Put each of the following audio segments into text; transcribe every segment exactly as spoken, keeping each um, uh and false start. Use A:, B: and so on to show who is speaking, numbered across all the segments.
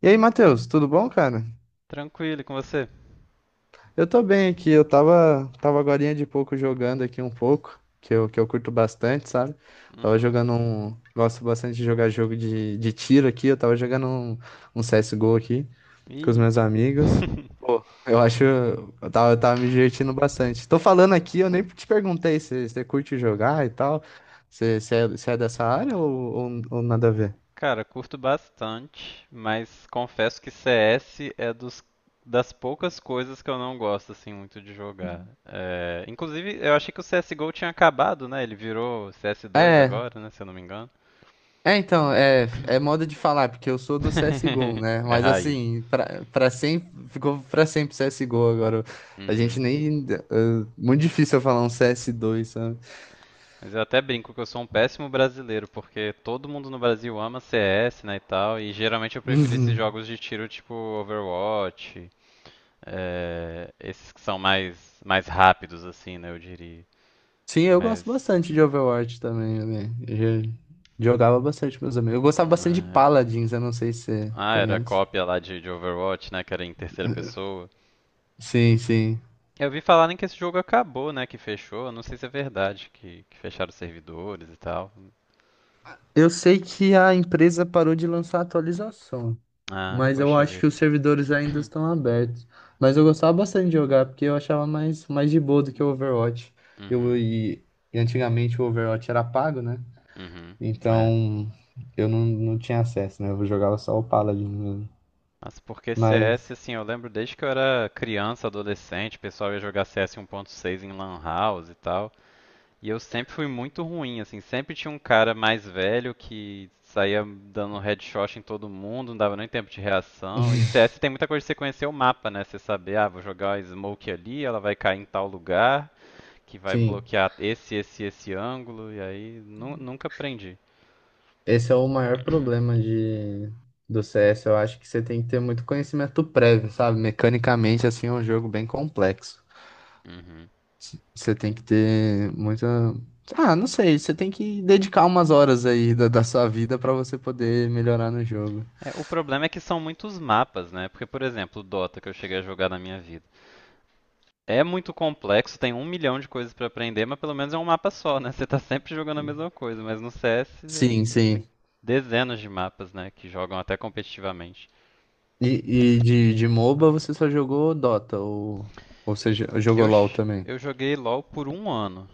A: E aí, Matheus, tudo bom, cara?
B: Tranquilo, e com você?
A: Eu tô bem aqui, eu tava, tava agorinha de pouco jogando aqui um pouco, que eu, que eu curto bastante, sabe? Tava
B: Uhum.
A: jogando um. Gosto bastante de jogar jogo de, de tiro aqui, eu tava jogando um, um C S G O aqui com os
B: Ih.
A: meus amigos. Pô, eu acho. Eu tava, eu tava me divertindo bastante. Tô falando aqui, eu nem te perguntei se você curte jogar e tal. Você você é, você é dessa área ou, ou, ou nada a ver?
B: Cara, curto bastante, mas confesso que C S é dos, das poucas coisas que eu não gosto assim muito de jogar. É, inclusive, eu achei que o C S G O tinha acabado, né? Ele virou C S dois
A: É,
B: agora, né? Se eu não me engano.
A: É, então, é, é moda de falar, porque eu sou do C S G O, né?
B: É
A: Mas
B: raiz.
A: assim, pra, pra sempre, ficou pra sempre C S G O agora. A gente
B: Uhum.
A: nem. É, Muito difícil eu falar um C S dois, sabe?
B: Mas eu até brinco que eu sou um péssimo brasileiro, porque todo mundo no Brasil ama C S, né, e tal, e geralmente eu prefiro esses
A: Uhum.
B: jogos de tiro tipo Overwatch. É, esses que são mais, mais rápidos, assim, né, eu diria.
A: Sim, eu gosto
B: Mas.
A: bastante de Overwatch também, né? Eu já jogava bastante com meus amigos. Eu gostava bastante de
B: é,
A: Paladins, eu não sei se você
B: Ah, era a
A: conhece.
B: cópia lá de, de Overwatch, né? Que era em terceira pessoa.
A: Sim, sim.
B: Eu vi falarem que esse jogo acabou, né? Que fechou. Eu não sei se é verdade, que, que fecharam os servidores e tal.
A: Eu sei que a empresa parou de lançar atualização.
B: Ah,
A: Mas eu
B: poxa
A: acho que
B: vida.
A: os servidores ainda estão abertos. Mas eu gostava bastante de jogar, porque eu achava mais, mais de boa do que o Overwatch. Eu,
B: Uhum.
A: e, e antigamente o Overwatch era pago, né?
B: Uhum. É.
A: Então eu não, não tinha acesso, né? Eu jogava só o Paladin mesmo.
B: Mas porque
A: Mas,
B: C S, assim, eu lembro desde que eu era criança, adolescente, o pessoal ia jogar C S um ponto seis em Lan House e tal. E eu sempre fui muito ruim, assim, sempre tinha um cara mais velho que saía dando um headshot em todo mundo, não dava nem tempo de reação. E C S tem muita coisa de você conhecer o mapa, né? Você saber, ah, vou jogar a smoke ali, ela vai cair em tal lugar, que vai
A: sim,
B: bloquear esse, esse, esse ângulo, e aí nu- nunca aprendi.
A: esse é o maior problema de, do C S. Eu acho que você tem que ter muito conhecimento prévio, sabe? Mecanicamente, assim, é um jogo bem complexo.
B: Uhum.
A: Você tem que ter muita. Ah, não sei, você tem que dedicar umas horas aí da, da sua vida pra você poder melhorar no jogo.
B: É, o problema é que são muitos mapas, né? Porque, por exemplo, o Dota que eu cheguei a jogar na minha vida. É muito complexo, tem um milhão de coisas pra aprender, mas pelo menos é um mapa só, né? Você tá sempre jogando a mesma coisa, mas no C S é,
A: Sim, sim.
B: tem dezenas de mapas, né? Que jogam até competitivamente.
A: E, e de, de MOBA você só jogou Dota, ou, ou você jo- jogou
B: Eu,
A: LoL
B: ch-
A: também?
B: eu joguei LoL por um ano,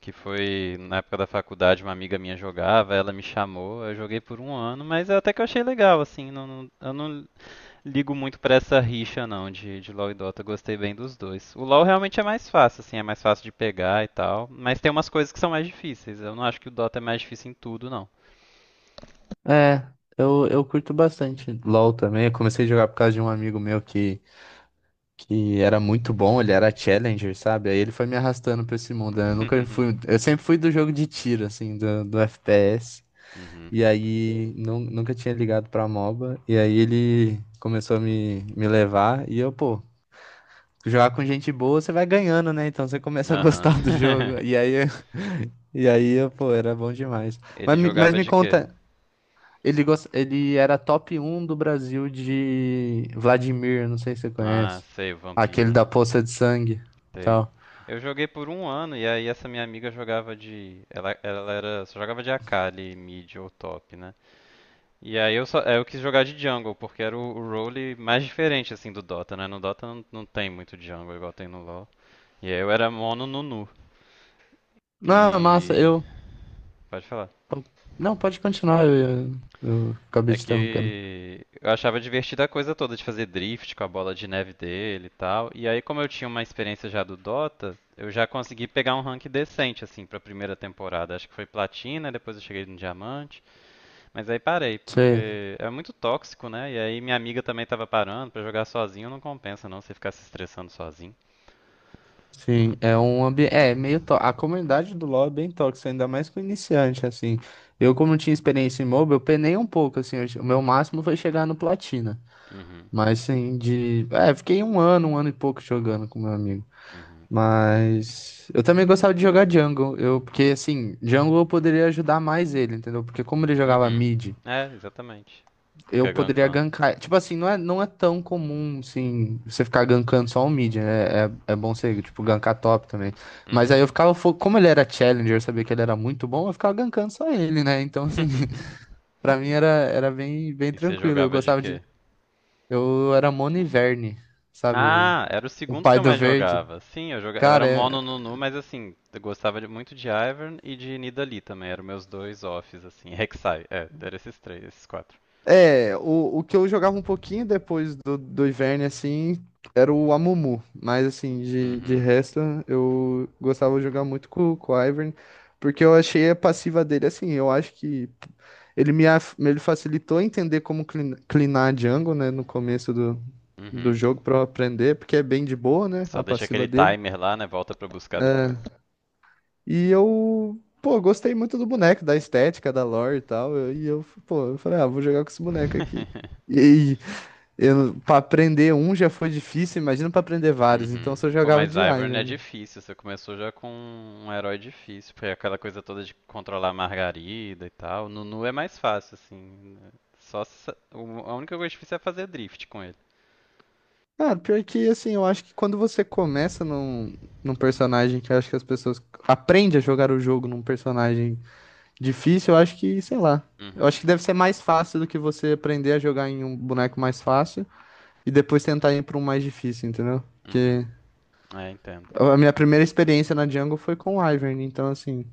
B: que foi na época da faculdade, uma amiga minha jogava, ela me chamou, eu joguei por um ano, mas até que eu achei legal, assim, não, não- eu não ligo muito pra essa rixa, não, de, de LoL e Dota. Gostei bem dos dois. O LoL realmente é mais fácil, assim, é mais fácil de pegar e tal. Mas tem umas coisas que são mais difíceis. Eu não acho que o Dota é mais difícil em tudo, não.
A: É, eu, eu curto bastante LoL também. Eu comecei a jogar por causa de um amigo meu que, que era muito bom, ele era Challenger, sabe? Aí ele foi me arrastando pra esse mundo, né? Eu nunca fui. Eu sempre fui do jogo de tiro, assim, do, do F P S.
B: Uhum.
A: E aí nu- nunca tinha ligado pra MOBA. E aí ele começou a me, me levar. E eu, pô, jogar com gente boa você vai ganhando, né? Então você começa a gostar do
B: Aham.
A: jogo. E aí, e aí eu, pô, era bom demais.
B: Ele
A: Mas, me- mas
B: jogava
A: me
B: de quê?
A: conta, ele, gost... ele era top um do Brasil de Vladimir, não sei se você
B: Ah,
A: conhece.
B: sei, o
A: Aquele
B: vampiro,
A: da
B: né?
A: poça de sangue,
B: Sei.
A: tal.
B: Eu joguei por um ano e aí essa minha amiga jogava de. Ela, ela era. Só jogava de Akali, mid ou top, né? E aí eu só, é, eu quis jogar de jungle, porque era o, o role mais diferente assim do Dota, né? No Dota não, não tem muito jungle igual tem no LoL. E aí eu era mono Nunu.
A: Não, massa,
B: E.
A: eu.
B: Pode falar.
A: Não, pode continuar, eu, eu, eu acabei
B: É
A: te interrompendo.
B: que eu achava divertida a coisa toda de fazer drift com a bola de neve dele e tal. E aí, como eu tinha uma experiência já do Dota, eu já consegui pegar um rank decente, assim, pra primeira temporada. Acho que foi platina, depois eu cheguei no diamante. Mas aí parei,
A: Você
B: porque é muito tóxico, né? E aí minha amiga também tava parando, pra jogar sozinho não compensa não você ficar se estressando sozinho.
A: Sim, é um ambiente. É meio tó- A comunidade do LoL é bem tóxica, ainda mais com iniciante, assim. Eu, como não tinha experiência em MOBA, eu penei um pouco, assim. eu che- O meu máximo foi chegar no Platina.
B: Uhum,
A: Mas, assim, de. É, fiquei um ano, um ano e pouco jogando com meu amigo.
B: uhum,
A: Mas. Eu também gostava de jogar jungle. Eu, porque, assim, jungle eu poderia ajudar mais ele, entendeu? Porque, como ele jogava
B: uhum.
A: mid,
B: É, exatamente.
A: eu
B: Fica
A: poderia
B: gankando.
A: gankar. Tipo assim, não é, não é tão comum, assim, você ficar gankando só um mid, né? É, é bom você, tipo, gankar top também. Mas aí
B: Uhum.
A: eu ficava, fo- Como ele era challenger, eu sabia que ele era muito bom, eu ficava gankando só ele, né? Então, assim, pra mim era, era bem, bem
B: E você
A: tranquilo. Eu
B: jogava de
A: gostava de.
B: quê?
A: Eu era Mono e Verne, sabe? O,
B: Ah, era o
A: o
B: segundo que
A: pai
B: eu
A: do
B: mais
A: verde.
B: jogava. Sim, eu jogava, eu era
A: Cara, é,
B: mono Nunu, mas assim, eu gostava de- muito de Ivern e de Nidalee também, eram meus dois offs, assim, Rek'Sai, é, eram esses três, esses quatro.
A: É, o, o que eu jogava um pouquinho depois do, do Ivern, assim, era o Amumu. Mas, assim, de, de
B: Uhum,
A: resto, eu gostava de jogar muito com, com o Ivern, porque eu achei a passiva dele, assim, eu acho que ele me, af- ele facilitou entender como clin- clinar a jungle, né, no começo do, do
B: uhum.
A: jogo, pra eu aprender, porque é bem de boa, né, a
B: Só deixa aquele
A: passiva dele.
B: timer lá, né, volta pra buscar
A: É,
B: depois.
A: e eu, pô, gostei muito do boneco, da estética, da lore e tal, eu- e eu, pô, eu falei, ah, vou jogar com esse boneco aqui. Eu, pra aprender um já foi difícil, imagina pra aprender vários. Então eu
B: Uhum.
A: só
B: Pô,
A: jogava
B: mas
A: de
B: Ivern é
A: Ivern.
B: difícil. Você começou já com um herói difícil, porque aquela coisa toda de controlar a Margarida e tal. Nunu é mais fácil, assim. Só sa- o- a única coisa difícil é fazer drift com ele.
A: Ah, pior que assim, eu acho que quando você começa num, num personagem que eu acho que as pessoas aprendem a jogar o jogo num personagem difícil, eu acho que, sei lá. Eu
B: Uhum.
A: acho que deve ser mais fácil do que você aprender a jogar em um boneco mais fácil e depois tentar ir pra um mais difícil, entendeu?
B: Uhum.
A: Porque
B: É, entendo.
A: a minha primeira experiência na jungle foi com o Ivern, então assim,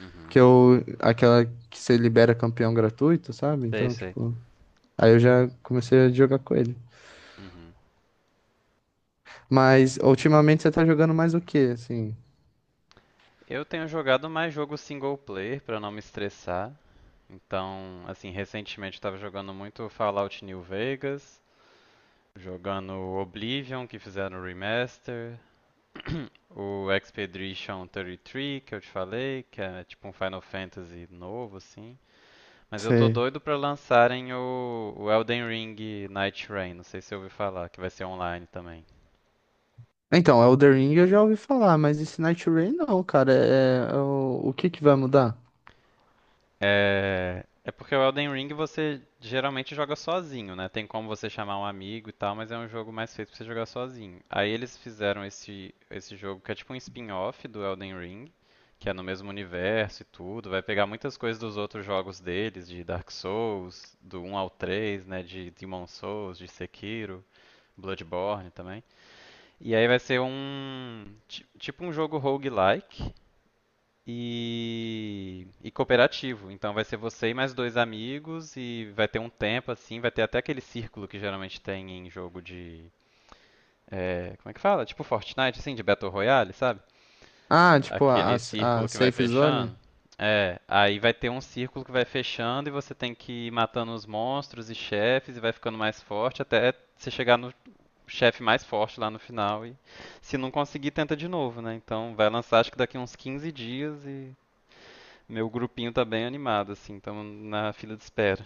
B: Uhum.
A: que eu aquela que você libera campeão gratuito, sabe?
B: Sei,
A: Então,
B: sei.
A: tipo, aí eu já comecei a jogar com ele.
B: Uhum.
A: Mas ultimamente você tá jogando mais o quê, assim?
B: Eu tenho jogado mais jogo single player pra não me estressar. Então, assim, recentemente eu tava jogando muito Fallout New Vegas, jogando Oblivion, que fizeram o remaster. O Expedition trinta e três, que eu te falei, que é tipo um Final Fantasy novo, assim. Mas eu tô
A: Você...
B: doido pra lançarem o, o Elden Ring Night Rain, não sei se você ouviu falar, que vai ser online também.
A: Então, Elden Ring eu já ouvi falar, mas esse Night Rain não, cara. É, é o, o que que vai mudar?
B: É... é porque o Elden Ring você geralmente joga sozinho, né? Tem como você chamar um amigo e tal, mas é um jogo mais feito pra você jogar sozinho. Aí eles fizeram esse, esse jogo que é tipo um spin-off do Elden Ring, que é no mesmo universo e tudo. Vai pegar muitas coisas dos outros jogos deles, de Dark Souls, do um ao três, né? De Demon Souls, de Sekiro, Bloodborne também. E aí vai ser um. ti- Tipo um jogo roguelike e, e cooperativo. Então vai ser você e mais dois amigos e vai ter um tempo assim, vai ter até aquele círculo que geralmente tem em jogo de é, como é que fala? Tipo Fortnite, assim, de Battle Royale, sabe?
A: Ah, tipo, a,
B: Aquele
A: a
B: círculo
A: a
B: que vai
A: safe zone?
B: fechando. É, aí vai ter um círculo que vai fechando e você tem que ir matando os monstros e chefes e vai ficando mais forte até você chegar no chefe mais forte lá no final e, se não conseguir, tenta de novo, né? Então vai lançar acho que daqui uns quinze dias e meu grupinho tá bem animado, assim, estamos na fila de espera.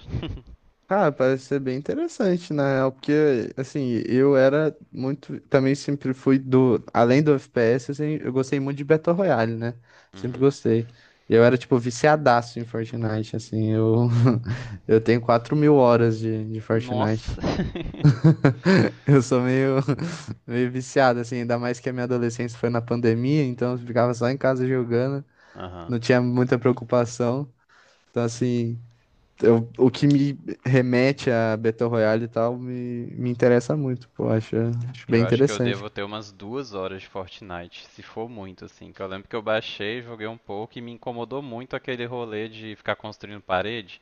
A: Cara, parece ser bem interessante, na real, porque, assim, eu era muito. Também sempre fui do. Além do F P S, assim, eu gostei muito de Battle Royale, né? Sempre
B: Uhum.
A: gostei. Eu era, tipo, viciadaço em Fortnite, assim. Eu, eu tenho quatro mil horas de, de
B: Nossa!
A: Fortnite. Eu sou meio, meio viciado, assim, ainda mais que a minha adolescência foi na pandemia, então eu ficava só em casa jogando,
B: Aham.
A: não tinha muita preocupação. Então, assim eu- o que me remete a Battle Royale e tal me, me interessa muito, pô, acho, acho bem
B: Eu acho que eu
A: interessante.
B: devo ter umas duas horas de Fortnite, se for muito, assim. Que eu lembro que eu baixei, joguei um pouco e me incomodou muito aquele rolê de ficar construindo parede.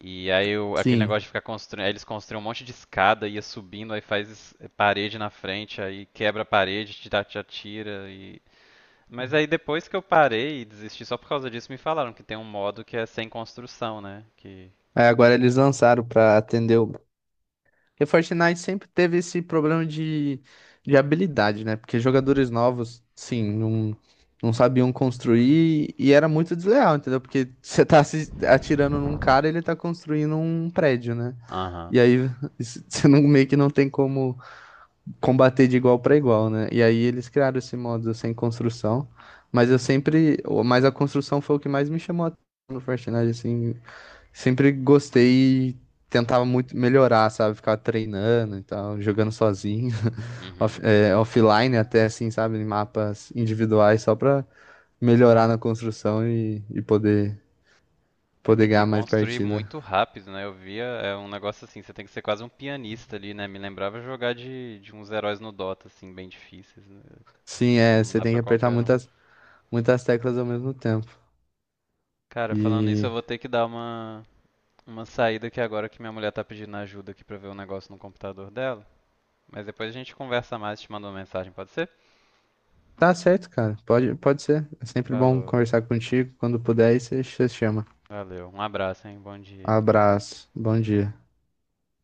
B: E aí eu- aquele negócio
A: Sim.
B: de ficar construindo. Aí eles construíam um monte de escada, ia subindo, aí faz parede na frente, aí quebra a parede, te dá- te atira e. Mas aí depois que eu parei e desisti só por causa disso, me falaram que tem um modo que é sem construção, né? Que
A: Aí agora eles lançaram pra atender o. Porque Fortnite sempre teve esse problema de, de habilidade, né? Porque jogadores novos, sim, não, não sabiam construir e era muito desleal, entendeu? Porque você tá se atirando num cara, ele tá construindo um prédio, né?
B: Aham.
A: E aí você não, meio que não tem como combater de igual para igual, né? E aí eles criaram esse modo sem construção, mas eu sempre, mas a construção foi o que mais me chamou a atenção no Fortnite, assim, sempre gostei e tentava muito melhorar, sabe? Ficava treinando e tal, jogando sozinho, off-
B: Uhum.
A: é, offline até, assim, sabe? Em mapas individuais só pra melhorar na construção e, e poder,
B: É,
A: poder
B: tem que
A: ganhar mais
B: construir
A: partida.
B: muito rápido, né? Eu via, é um negócio assim, você tem que ser quase um pianista ali, né? Me lembrava jogar de, de uns heróis no Dota, assim, bem difíceis, né?
A: Sim, é,
B: Não
A: você
B: dá
A: tem que
B: pra
A: apertar
B: qualquer um.
A: muitas, muitas teclas ao mesmo tempo.
B: Cara, falando nisso,
A: E
B: eu vou ter que dar uma, uma saída aqui agora que minha mulher tá pedindo ajuda aqui pra ver um negócio no computador dela. Mas depois a gente conversa mais, te mando uma mensagem, pode ser?
A: Tá certo, cara. Pode, pode ser. É sempre bom
B: Falou,
A: conversar contigo. Quando puder, aí você você chama.
B: valeu, um abraço, hein? Bom dia.
A: Abraço. Bom dia.